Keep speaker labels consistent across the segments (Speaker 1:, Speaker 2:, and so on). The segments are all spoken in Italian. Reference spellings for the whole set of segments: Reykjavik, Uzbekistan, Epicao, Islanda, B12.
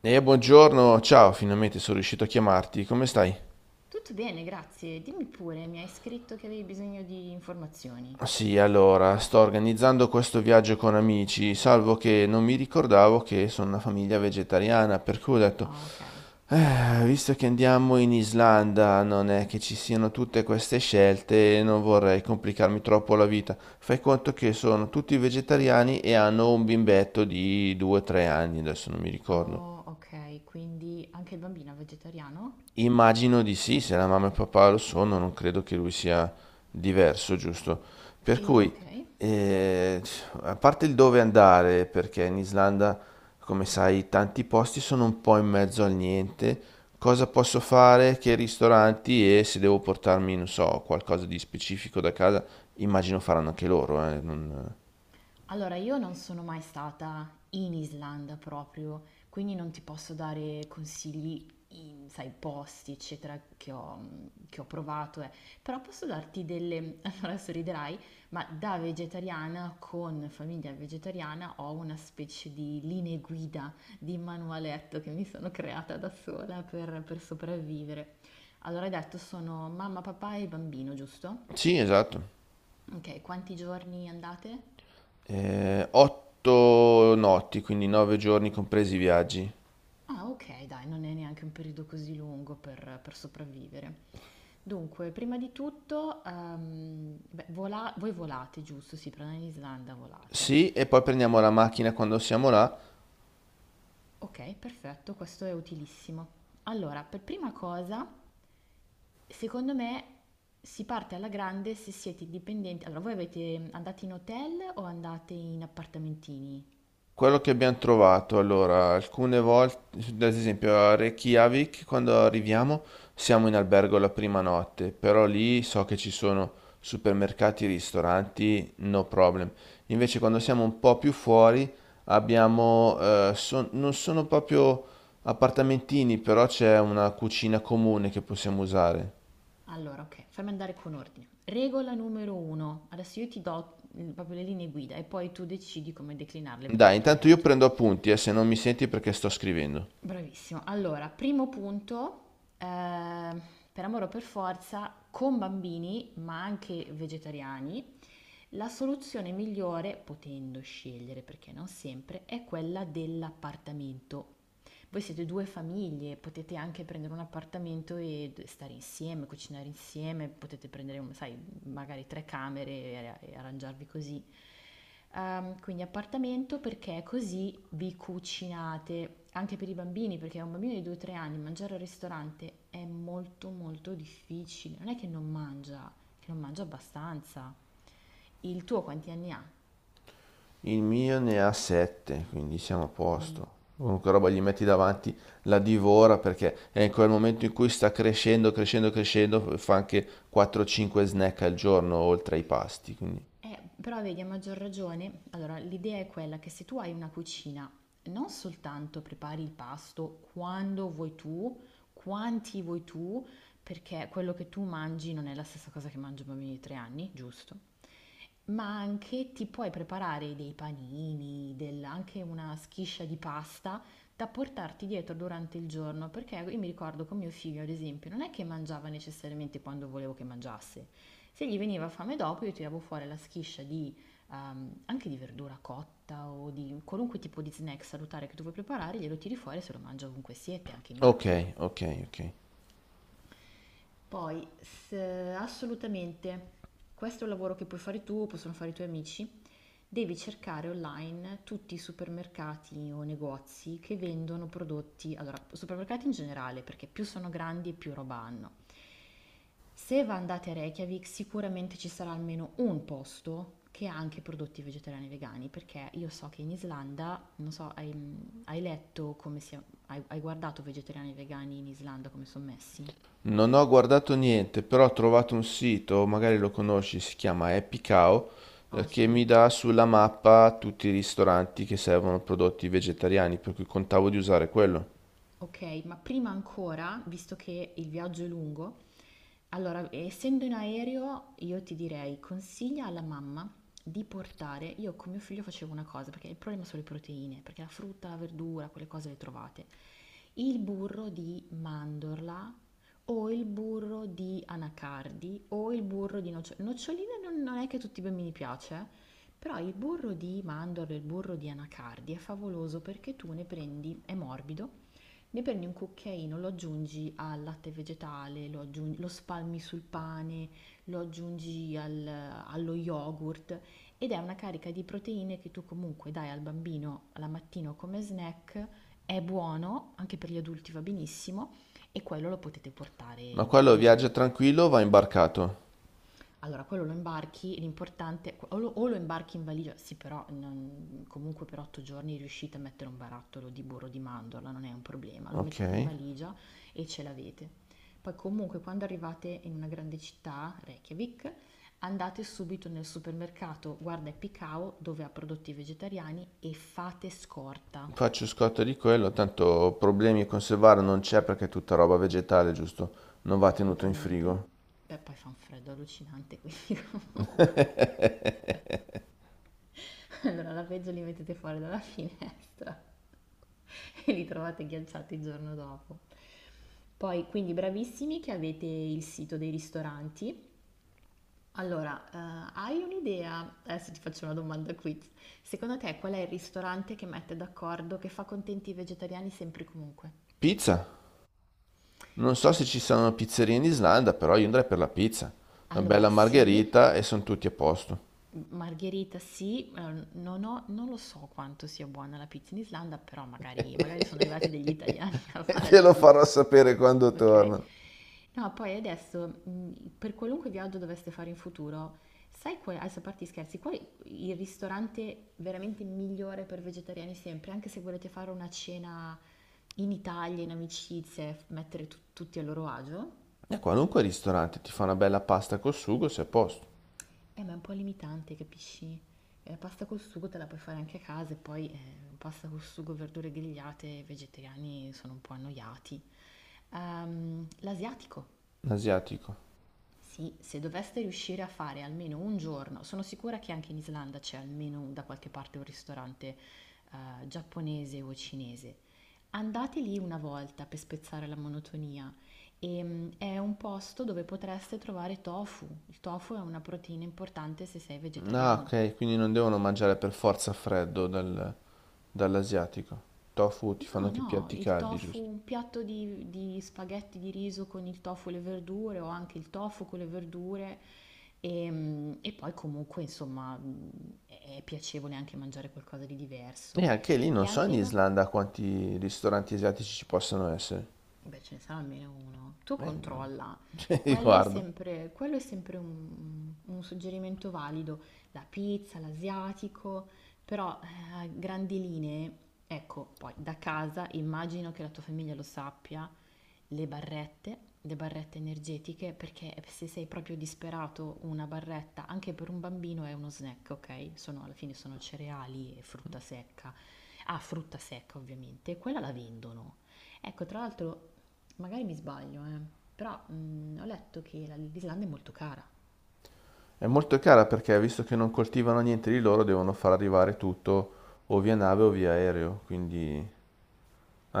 Speaker 1: Buongiorno, ciao, finalmente sono riuscito a chiamarti, come stai?
Speaker 2: Tutto bene, grazie. Dimmi pure, mi hai scritto che avevi bisogno di informazioni.
Speaker 1: Sì, allora, sto organizzando questo viaggio con amici, salvo che non mi ricordavo che sono una famiglia vegetariana, per cui ho detto,
Speaker 2: Ah, ok.
Speaker 1: Visto che andiamo in Islanda, non è che ci siano tutte queste scelte, non vorrei complicarmi troppo la vita. Fai conto che sono tutti vegetariani e hanno un bimbetto di 2-3 anni, adesso non mi ricordo.
Speaker 2: Oh, ok, quindi anche il bambino è vegetariano?
Speaker 1: Immagino di sì, se la mamma e papà lo sono, non credo che lui sia diverso, giusto? Per
Speaker 2: E
Speaker 1: cui,
Speaker 2: ok.
Speaker 1: eh, a parte il dove andare, perché in Islanda, come sai, tanti posti sono un po' in mezzo al niente, cosa posso fare, che ristoranti e se devo portarmi, non so, qualcosa di specifico da casa, immagino faranno anche loro.
Speaker 2: Allora, io non sono mai stata in Islanda proprio, quindi non ti posso dare consigli in, sai, posti, eccetera, che ho provato, eh. Però posso darti Allora, sorriderai, ma da vegetariana, con famiglia vegetariana, ho una specie di linee guida, di manualetto che mi sono creata da sola per sopravvivere. Allora, hai detto, sono mamma, papà e bambino, giusto?
Speaker 1: Sì, esatto.
Speaker 2: Ok, quanti giorni andate?
Speaker 1: 8 notti, quindi 9 giorni compresi i viaggi.
Speaker 2: Ah, ok, dai, non è neanche un periodo così lungo per sopravvivere. Dunque, prima di tutto, beh, voi volate, giusto? Sì, però in Islanda volate.
Speaker 1: Sì, e poi prendiamo la macchina quando siamo là.
Speaker 2: Ok, perfetto, questo è utilissimo. Allora, per prima cosa, secondo me si parte alla grande se siete dipendenti. Allora, andate in hotel o andate in appartamentini?
Speaker 1: Quello che abbiamo trovato, allora, alcune volte, ad esempio a Reykjavik, quando arriviamo, siamo in albergo la prima notte, però lì so che ci sono supermercati, ristoranti, no problem. Invece quando siamo un po' più fuori, abbiamo non sono proprio appartamentini, però c'è una cucina comune che possiamo usare.
Speaker 2: Allora, ok, fammi andare con ordine. Regola numero uno. Adesso io ti do proprio le linee guida e poi tu decidi come declinarle per
Speaker 1: Dai,
Speaker 2: il tuo
Speaker 1: intanto io
Speaker 2: viaggio.
Speaker 1: prendo appunti, se non mi senti perché sto scrivendo.
Speaker 2: Bravissimo. Allora, primo punto, eh, per amore o per forza, con bambini, ma anche vegetariani, la soluzione migliore, potendo scegliere perché non sempre, è quella dell'appartamento. Voi siete due famiglie, potete anche prendere un appartamento e stare insieme, cucinare insieme, potete prendere, sai, magari tre camere e arrangiarvi così. Quindi appartamento perché così vi cucinate anche per i bambini, perché a un bambino di 2-3 anni mangiare al ristorante è molto molto difficile. Non è che non mangia abbastanza. Il tuo quanti anni ha?
Speaker 1: Il mio ne ha 7, quindi siamo a posto.
Speaker 2: Mm.
Speaker 1: Qualunque roba gli metti davanti la divora perché è in quel momento in cui sta crescendo, crescendo, crescendo, fa anche 4-5 snack al giorno oltre ai pasti. Quindi.
Speaker 2: Però vedi, a maggior ragione, allora l'idea è quella che se tu hai una cucina, non soltanto prepari il pasto quando vuoi tu, quanti vuoi tu, perché quello che tu mangi non è la stessa cosa che mangia un bambino di 3 anni, giusto? Ma anche ti puoi preparare dei panini, anche una schiscia di pasta da portarti dietro durante il giorno, perché io mi ricordo con mio figlio, ad esempio, non è che mangiava necessariamente quando volevo che mangiasse. Se gli veniva fame dopo, io tiravo fuori la schiscia anche di verdura cotta o di qualunque tipo di snack salutare che tu vuoi preparare, glielo tiri fuori e se lo mangia ovunque siete, anche in
Speaker 1: Ok,
Speaker 2: macchina.
Speaker 1: ok, ok.
Speaker 2: Poi, se assolutamente questo è un lavoro che puoi fare tu, possono fare i tuoi amici, devi cercare online tutti i supermercati o negozi che vendono prodotti, allora, supermercati in generale, perché più sono grandi e più roba hanno. Se va- andate a Reykjavik, sicuramente ci sarà almeno un posto che ha anche prodotti vegetariani e vegani, perché io so che in Islanda, non so, hai letto come si, hai guardato vegetariani e vegani in Islanda come sono messi?
Speaker 1: Non ho guardato niente, però ho trovato un sito, magari lo conosci, si chiama Epicao,
Speaker 2: Ah
Speaker 1: che
Speaker 2: sì.
Speaker 1: mi dà sulla mappa tutti i ristoranti che servono prodotti vegetariani, per cui contavo di usare quello.
Speaker 2: Ok, ma prima ancora, visto che il viaggio è lungo, allora, essendo in aereo, io ti direi, consiglia alla mamma di portare, io con mio figlio facevo una cosa, perché il problema sono le proteine, perché la frutta, la verdura, quelle cose le trovate, il burro di mandorla o il burro di anacardi o il burro di noccioline. Noccioline non è che a tutti i bambini piace, però il burro di mandorla, il burro di anacardi è favoloso perché tu ne prendi, è morbido, ne prendi un cucchiaino, lo aggiungi al latte vegetale, lo spalmi sul pane, allo yogurt ed è una carica di proteine che tu comunque dai al bambino la mattina o come snack. È buono, anche per gli adulti va benissimo e quello lo potete portare
Speaker 1: Ma
Speaker 2: in
Speaker 1: quello
Speaker 2: valigia.
Speaker 1: viaggia tranquillo, o va imbarcato.
Speaker 2: Allora, quello lo imbarchi, l'importante o lo imbarchi in valigia, sì, però comunque per 8 giorni riuscite a mettere un barattolo di burro di mandorla, non è un problema, lo
Speaker 1: Ok.
Speaker 2: mettete in valigia e ce l'avete. Poi comunque quando arrivate in una grande città, Reykjavik, andate subito nel supermercato Guarda e Picao dove ha prodotti vegetariani e fate scorta,
Speaker 1: Faccio scotto di quello, tanto problemi a conservarlo non c'è perché è tutta roba vegetale, giusto? Non va tenuto in
Speaker 2: assolutamente.
Speaker 1: frigo.
Speaker 2: Beh, poi fa un freddo allucinante, quindi comunque. Allora la peggio li mettete fuori dalla finestra. E li trovate ghiacciati il giorno dopo. Poi, quindi bravissimi che avete il sito dei ristoranti. Allora, hai un'idea? Adesso ti faccio una domanda quiz. Secondo te qual è il ristorante che mette d'accordo, che fa contenti i vegetariani sempre e comunque?
Speaker 1: Pizza? Non so se ci saranno pizzerie in Islanda, però io andrei per la pizza. Una
Speaker 2: Allora,
Speaker 1: bella
Speaker 2: sì.
Speaker 1: margherita e sono tutti a posto.
Speaker 2: Margherita sì, non lo so quanto sia buona la pizza in Islanda, però magari, magari sono arrivati degli italiani a
Speaker 1: E
Speaker 2: fare
Speaker 1: te
Speaker 2: la
Speaker 1: lo farò
Speaker 2: pizza.
Speaker 1: sapere quando
Speaker 2: Ok?
Speaker 1: torno.
Speaker 2: No, poi adesso, per qualunque viaggio doveste fare in futuro, sai adesso a parte gli scherzi, qual è il ristorante veramente migliore per vegetariani sempre, anche se volete fare una cena in Italia, in amicizie, mettere tutti a loro agio?
Speaker 1: E a qualunque ristorante ti fa una bella pasta col sugo, sei a posto.
Speaker 2: Ma è un po' limitante, capisci? Pasta col sugo te la puoi fare anche a casa e poi pasta col sugo, verdure grigliate, i vegetariani sono un po' annoiati. L'asiatico.
Speaker 1: L'asiatico.
Speaker 2: Sì, se doveste riuscire a fare almeno un giorno, sono sicura che anche in Islanda c'è almeno da qualche parte un ristorante giapponese o cinese. Andate lì una volta per spezzare la monotonia. E, è un posto dove potreste trovare tofu. Il tofu è una proteina importante se sei
Speaker 1: Ah,
Speaker 2: vegetariano.
Speaker 1: ok, quindi non devono mangiare per forza freddo dal- dall'asiatico. Tofu ti fanno
Speaker 2: No,
Speaker 1: anche
Speaker 2: no,
Speaker 1: piatti
Speaker 2: il
Speaker 1: caldi,
Speaker 2: tofu,
Speaker 1: giusto?
Speaker 2: un piatto di spaghetti di riso con il tofu e le verdure o anche il tofu con le verdure e poi comunque insomma è piacevole anche mangiare qualcosa di diverso.
Speaker 1: E anche lì
Speaker 2: E
Speaker 1: non so
Speaker 2: anche
Speaker 1: in
Speaker 2: i bambini.
Speaker 1: Islanda quanti ristoranti asiatici ci possono essere.
Speaker 2: Beh, ce ne sarà almeno uno. Tu
Speaker 1: Non...
Speaker 2: controlla.
Speaker 1: cioè, guarda.
Speaker 2: Quello è sempre un suggerimento valido. La pizza, l'asiatico, però a grandi linee, ecco, poi da casa immagino che la tua famiglia lo sappia, le barrette energetiche, perché se sei proprio disperato, una barretta anche per un bambino è uno snack, ok? Sono, alla fine sono cereali e frutta secca. Ah, frutta secca ovviamente, quella la vendono. Ecco, tra l'altro, magari mi sbaglio, però ho letto che l'Islanda è molto cara
Speaker 1: È molto cara perché visto che non coltivano niente di loro, devono far arrivare tutto o via nave o via aereo. Quindi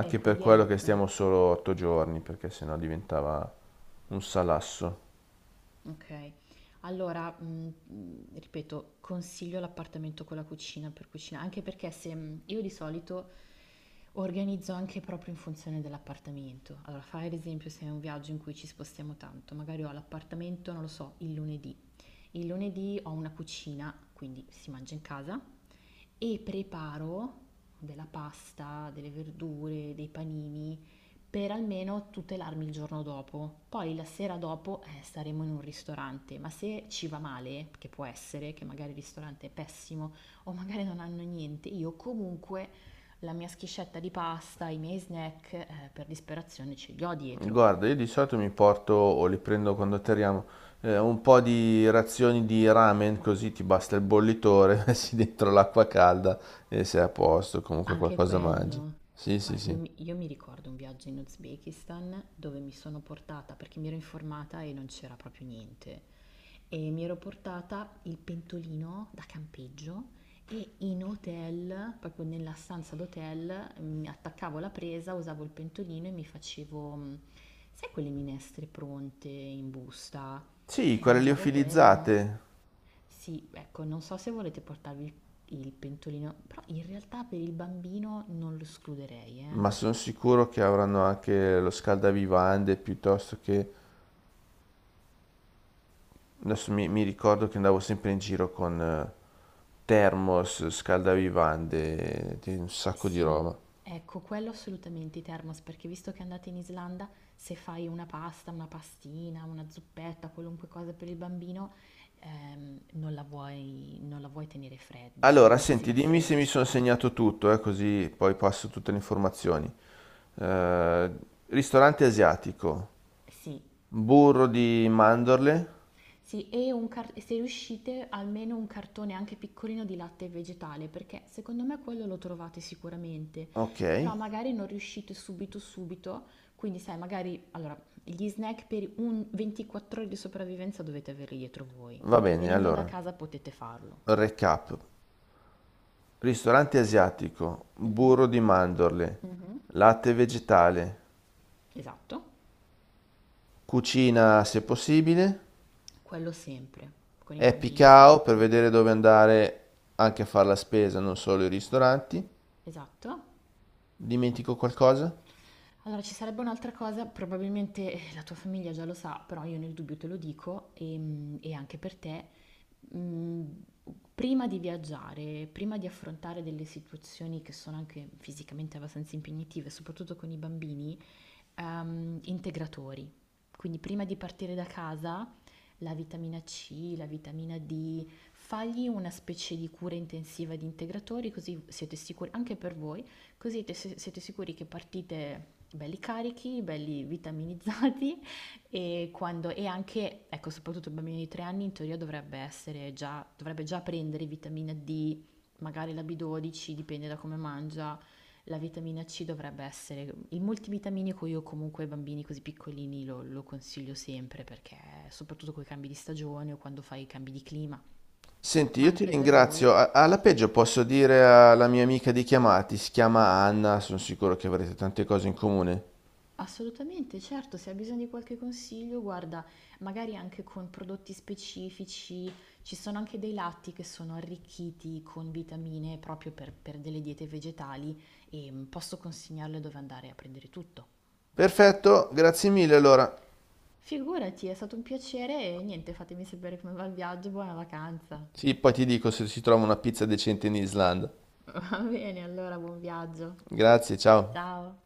Speaker 2: e
Speaker 1: per
Speaker 2: quindi
Speaker 1: quello che stiamo solo 8 giorni, perché sennò diventava un salasso.
Speaker 2: ok, allora, ripeto, consiglio l'appartamento con la cucina per cucinare, anche perché se mm, io di solito organizzo anche proprio in funzione dell'appartamento. Allora, fai ad esempio se è un viaggio in cui ci spostiamo tanto, magari ho l'appartamento, non lo so, il lunedì. Il lunedì ho una cucina, quindi si mangia in casa. E preparo della pasta, delle verdure, dei panini per almeno tutelarmi il giorno dopo. Poi la sera dopo staremo in un ristorante, ma se ci va male, che può essere, che magari il ristorante è pessimo o magari non hanno niente, io comunque la mia schiscetta di pasta, i miei snack, per disperazione ce li ho dietro.
Speaker 1: Guarda, io di solito mi porto o li prendo quando atterriamo, un po' di razioni di ramen, così ti basta il bollitore, messi dentro l'acqua calda e sei a posto, comunque
Speaker 2: Anche
Speaker 1: qualcosa mangi.
Speaker 2: quello.
Speaker 1: Sì, sì,
Speaker 2: Guarda, io,
Speaker 1: sì.
Speaker 2: mi io mi ricordo un viaggio in Uzbekistan dove mi sono portata, perché mi ero informata e non c'era proprio niente, e mi ero portata il pentolino da campeggio e in hotel, proprio nella stanza d'hotel, mi attaccavo la presa, usavo il pentolino e mi facevo, sai quelle minestre pronte in busta?
Speaker 1: Sì,
Speaker 2: E
Speaker 1: quelle
Speaker 2: mangiavo quello.
Speaker 1: liofilizzate,
Speaker 2: Sì, ecco, non so se volete portarvi il pentolino, però in realtà per il bambino non lo escluderei, eh.
Speaker 1: ma sono sicuro che avranno anche lo scaldavivande piuttosto che... Adesso mi ricordo che andavo sempre in giro con thermos, scaldavivande, di un sacco di
Speaker 2: Sì,
Speaker 1: roba.
Speaker 2: ecco, quello assolutamente i thermos, perché visto che andate in Islanda, se fai una pasta, una pastina, una zuppetta, qualunque cosa per il bambino, non la vuoi, non la vuoi tenere fredda, non
Speaker 1: Allora,
Speaker 2: vuoi che si
Speaker 1: senti, dimmi se
Speaker 2: raffreddi
Speaker 1: mi sono
Speaker 2: subito.
Speaker 1: segnato tutto, così poi passo tutte le informazioni. Eh, ristorante asiatico,
Speaker 2: Sì.
Speaker 1: burro di mandorle,
Speaker 2: Sì, e se riuscite almeno un cartone anche piccolino di latte vegetale, perché secondo me quello lo trovate sicuramente,
Speaker 1: ok,
Speaker 2: però magari non riuscite subito subito, quindi sai, magari allora gli snack per un 24 ore di sopravvivenza dovete averli dietro voi,
Speaker 1: va
Speaker 2: perché
Speaker 1: bene,
Speaker 2: venendo da
Speaker 1: allora,
Speaker 2: casa potete farlo.
Speaker 1: recap. Ristorante asiatico,
Speaker 2: Mhm,
Speaker 1: burro di mandorle,
Speaker 2: mhm.
Speaker 1: latte vegetale,
Speaker 2: Esatto,
Speaker 1: cucina se possibile,
Speaker 2: quello sempre, con i
Speaker 1: happy
Speaker 2: bambini
Speaker 1: cow per
Speaker 2: sempre.
Speaker 1: vedere dove andare anche a fare la spesa, non solo i ristoranti.
Speaker 2: Esatto.
Speaker 1: Dimentico qualcosa?
Speaker 2: Allora, ci sarebbe un'altra cosa, probabilmente la tua famiglia già lo sa, però io nel dubbio te lo dico e, anche per te. mm, prima di viaggiare, prima di affrontare delle situazioni che sono anche fisicamente abbastanza impegnative, soprattutto con i bambini, integratori. Quindi prima di partire da casa, la vitamina C, la vitamina D, fagli una specie di cura intensiva di integratori, così siete sicuri, anche per voi, così siete sicuri che partite belli carichi, belli vitaminizzati e, quando, e anche, ecco, soprattutto il bambino di 3 anni in teoria dovrebbe già prendere vitamina D, magari la B12, dipende da come mangia, la vitamina C dovrebbe essere il multivitaminico. Io comunque ai bambini così piccolini lo consiglio sempre perché soprattutto con i cambi di stagione o quando fai i cambi di clima,
Speaker 1: Senti,
Speaker 2: ma
Speaker 1: io ti
Speaker 2: anche per voi.
Speaker 1: ringrazio. Alla peggio posso dire alla mia amica di chiamarti, si chiama Anna, sono sicuro che avrete tante cose in comune.
Speaker 2: Assolutamente, certo, se hai bisogno di qualche consiglio, guarda, magari anche con prodotti specifici, ci sono anche dei latti che sono arricchiti con vitamine proprio per delle diete vegetali e posso consigliarle dove andare a prendere tutto.
Speaker 1: Perfetto, grazie mille allora.
Speaker 2: Figurati, è stato un piacere e niente, fatemi sapere come va il viaggio, buona vacanza.
Speaker 1: Sì, poi ti dico se si trova una pizza decente in Islanda.
Speaker 2: Va bene, allora buon viaggio.
Speaker 1: Grazie, ciao.
Speaker 2: Ciao.